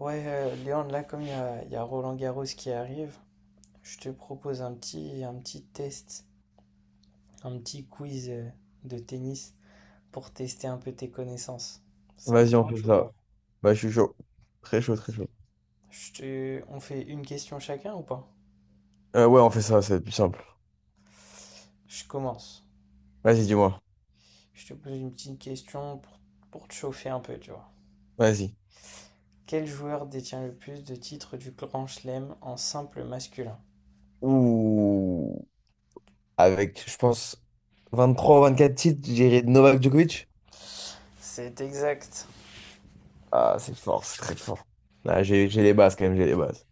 Ouais, Léandre, là, comme il y a Roland Garros qui arrive, je te propose un petit test, un petit quiz de tennis pour tester un peu tes connaissances. Ça te Vas-y, on fait branche ou ça. quoi? Bah, je suis chaud. Très chaud, très chaud. On fait une question chacun ou pas? Ouais, on fait ça, c'est plus simple. Je commence. Vas-y, dis-moi. Je te pose une petite question pour te chauffer un peu, tu vois. Vas-y. Quel joueur détient le plus de titres du Grand Chelem en simple masculin? Ouh. Avec, je pense, 23 24 titres, j'irai Novak Djokovic. C'est exact. Ah, c'est fort, c'est très fort. Là, j'ai les bases quand même, j'ai les bases.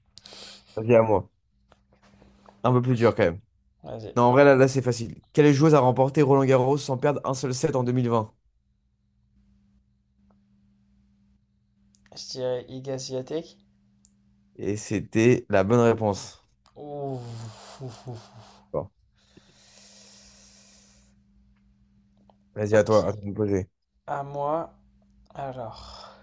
Vas-y, à moi. Un peu plus dur quand même. Vas-y. Non, en vrai, là c'est facile. Quelle joueuse a remporté Roland Garros sans perdre un seul set en 2020? Je dirais Igaz Swiatek. Et c'était la bonne réponse. Ouh. Bon. Vas-y, Ok, à toi de me poser. à moi. Alors,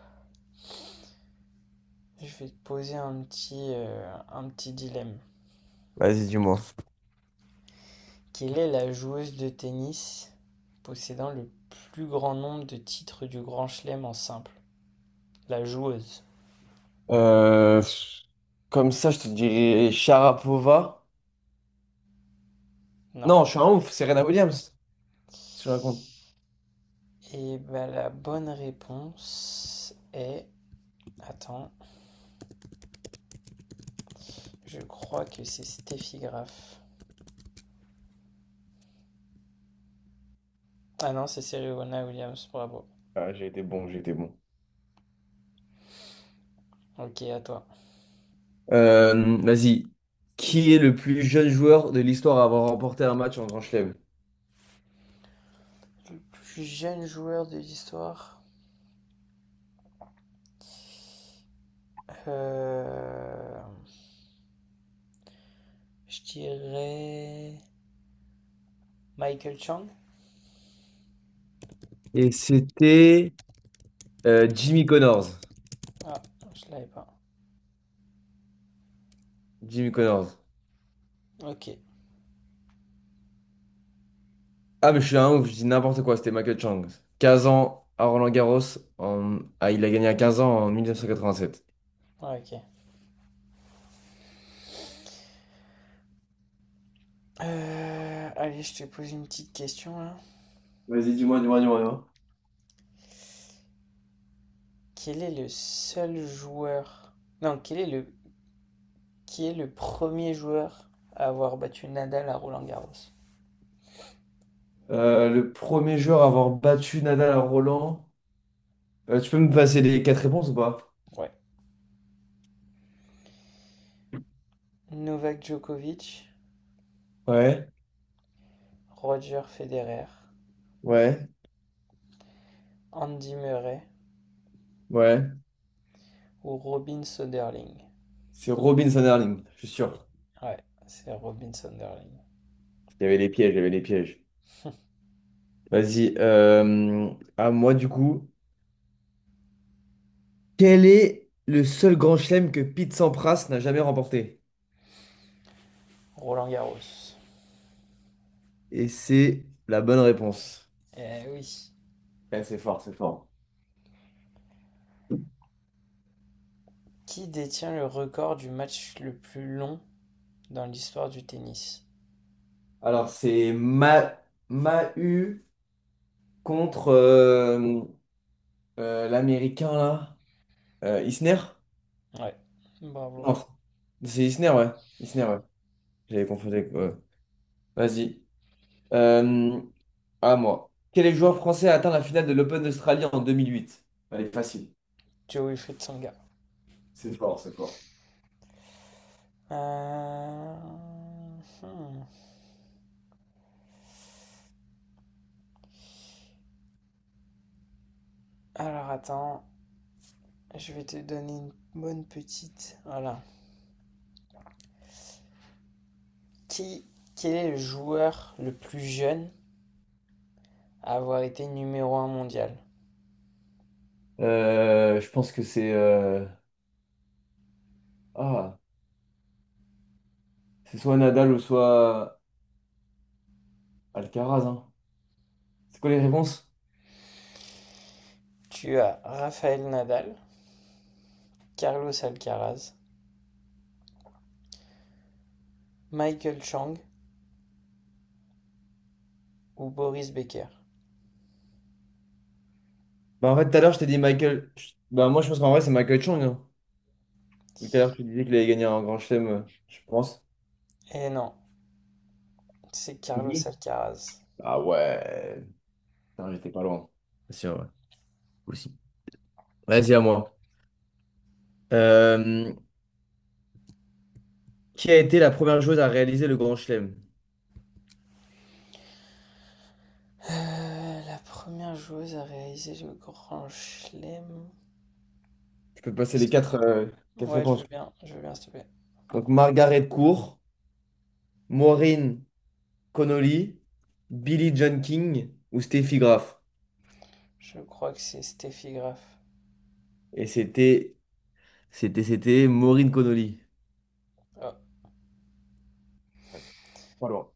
je vais te poser un petit dilemme. Vas-y, dis-moi. Quelle est la joueuse de tennis possédant le plus grand nombre de titres du Grand Chelem en simple? La joueuse. Euh, Comme ça, je te dirais Sharapova. Non. Non, je suis un ouf, c'est Serena Williams. Qu'est-ce que je raconte? Et bah, la bonne réponse est... Attends, je crois que c'est Steffi Graf. Ah non, c'est Serena Williams, bravo. Ah, j'ai été bon, j'ai été bon. Ok, à toi. Vas-y. Qui est le plus jeune joueur de l'histoire à avoir remporté un match en Grand Chelem? Le plus jeune joueur de l'histoire. Euh, je dirais Michael Chang. Et c'était Jimmy Connors. Ah, je l'avais pas. Jimmy Connors. Ok. Ah, mais je suis un ouf, je dis n'importe quoi, c'était Michael Chang. 15 ans à Roland-Garros. Ah, il a gagné à 15 ans en 1987. Ah, ok. Allez, je te pose une petite question là. Vas-y, dis-moi, dis-moi, dis-moi, dis-moi. Quel est le seul joueur... Non, quel est le... qui est le premier joueur à avoir battu Nadal à Roland Garros? Le premier joueur à avoir battu Nadal à Roland. Tu peux me passer les quatre réponses ou pas? Ouais. Novak Djokovic, Ouais, Roger Federer, ouais, Andy Murray ouais. ou Robin Söderling. C'est Robin Sanderling, je suis sûr. Ouais, c'est Robin Söderling. Il y avait les pièges, il y avait les pièges. Vas-y, à moi du coup. Quel est le seul grand chelem que Pete Sampras n'a jamais remporté? Roland Garros. Et c'est la bonne réponse. Eh oui. Ouais, c'est fort, c'est fort. Qui détient le record du match le plus long dans l'histoire du tennis? Alors, c'est Ma Mahu contre l'Américain, là. Isner? Ouais, bravo. Non, c'est Isner, ouais. Isner, ouais. J'avais confondu avec, ouais. Vas-y. Euh, à moi. Quel est le joueur français à atteindre la finale de l'Open d'Australie en 2008? Elle est facile. Joe Wilfried Tsonga. C'est fort, c'est fort. Euh, hmm. Alors attends, je vais te donner une bonne petite. Voilà. Qui, quel est le joueur le plus jeune à avoir été numéro un mondial? Je pense que ah, c'est soit Nadal ou soit Alcaraz, hein. C'est quoi les réponses? Tu as Rafael Nadal, Carlos Alcaraz, Michael Chang ou Boris Becker? Bah en fait, tout à l'heure, je t'ai dit Michael. Bah moi, je pense qu'en vrai, c'est Michael Chang, hein. Vu que tout à l'heure, tu disais qu'il avait gagné un grand chelem, je pense. Eh non, c'est Carlos Oui. Alcaraz. Ah ouais. Putain, j'étais pas loin. C'est sûr, ouais. Aussi. Vas-y, à moi. Euh, qui a été la première joueuse à réaliser le grand chelem? La première joueuse à réaliser le Grand Chelem, Je peux passer est-ce les quatre ouais, réponses. Je veux bien, s'il te plaît. Donc, Margaret Court, Maureen Connolly, Billie John King ou Steffi Graf. Je crois que c'est Steffi Graf. Et c'était Maureen Connolly. Oh, Ouais, pas loin.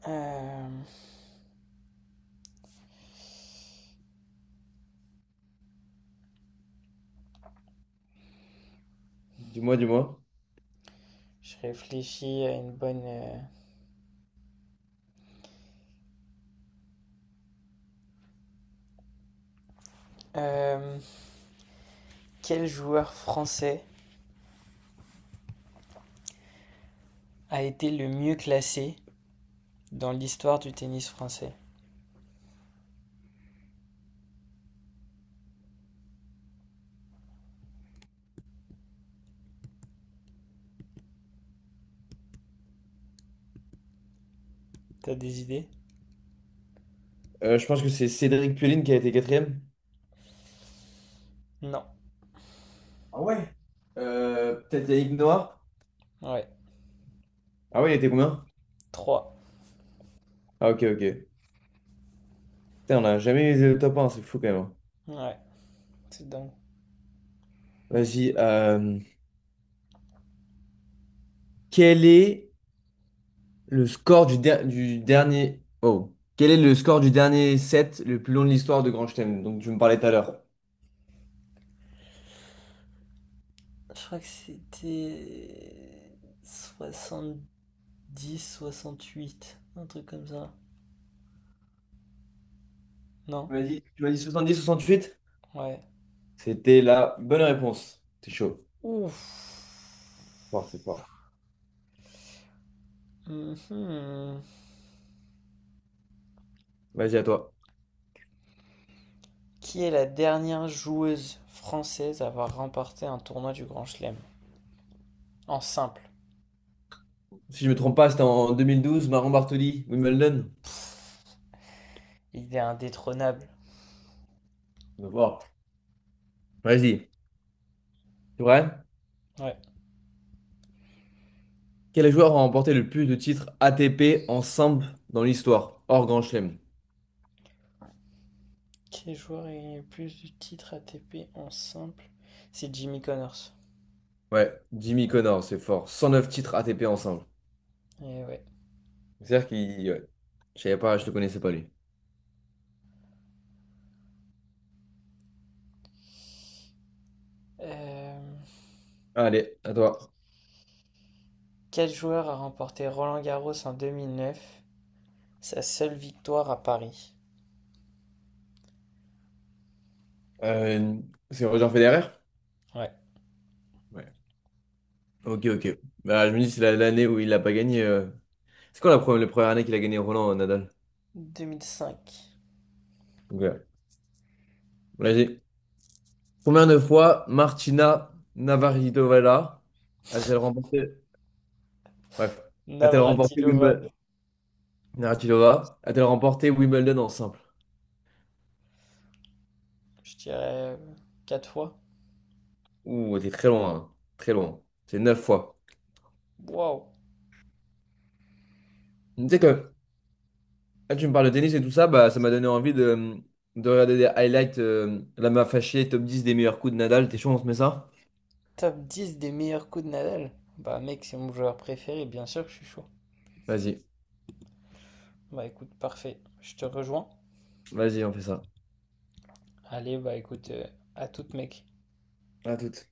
hem, Dis-moi, dis-moi. je réfléchis à une bonne. Heu, hem, quel joueur français a été le mieux classé dans l'histoire du tennis français? T'as des idées? Je pense que c'est Cédric Pullin qui a été quatrième. Non. Ah ouais? Peut-être Yannick Noah? Ouais, Ah ouais, il était combien? trois. Ah ok, ok. Putain, on n'a jamais eu le top un, c'est fou quand même, hein. Ouais, c'est dingue. Vas-y. Quel est le score du, du dernier. Oh. Quel est le score du dernier set le plus long de l'histoire de Grand Chelem? Donc tu me parlais tout à l'heure. Je crois que c'était 70-68, un truc comme ça. Non? Tu m'as dit 70-68? Ouais. C'était la bonne réponse. C'est chaud. Ouf. Fort, c'est fort. Mhm. Vas-y, à toi. Qui est la dernière joueuse française à avoir remporté un tournoi du Grand Chelem? En simple. Si je me trompe pas, c'était en 2012, Maron Bartoli, Wimbledon. Il est indétrônable. On va voir. Vas-y. C'est vrai? Ouais. Quel joueur a remporté le plus de titres ATP ensemble dans l'histoire, hors Grand Chelem? Quel joueur a gagné le plus de titres ATP en simple? C'est Jimmy Connors. Ouais, Jimmy Connor, c'est fort. 109 titres ATP ensemble. Et ouais. C'est-à-dire qu'il, ouais. Je savais pas, je le connaissais pas lui. Euh, Allez, à toi. Quel joueur a remporté Roland-Garros en 2009. Sa seule victoire à Paris. Euh, c'est Roger Federer? Ouais. Ouais. Ok, ok. Bah, je me dis, c'est l'année où il a pas gagné. C'est quoi la première année qu'il a gagné Roland Nadal? 2005. Donc, là. Combien de fois Martina Navratilova a-t-elle remporté? Bref. A-t-elle remporté Navratilova. Wimbledon? Navratilova a-t-elle remporté Wimbledon en simple? Je dirais 4 fois. Ouh, t'es très loin, hein. Très loin. C'est 9 fois. Waouh. Tu sais que. Ah, tu me parles de tennis et tout ça, bah, ça m'a donné envie de, regarder des highlights. La m'a fâché, top 10 des meilleurs coups de Nadal. T'es chaud, on se met ça? Top 10 des meilleurs coups de Nadal? Bah mec, c'est mon joueur préféré, bien sûr que je suis chaud. Vas-y, Bah écoute, parfait, je te rejoins. vas-y, on fait ça. Allez, bah écoute, à toute mec. À toute.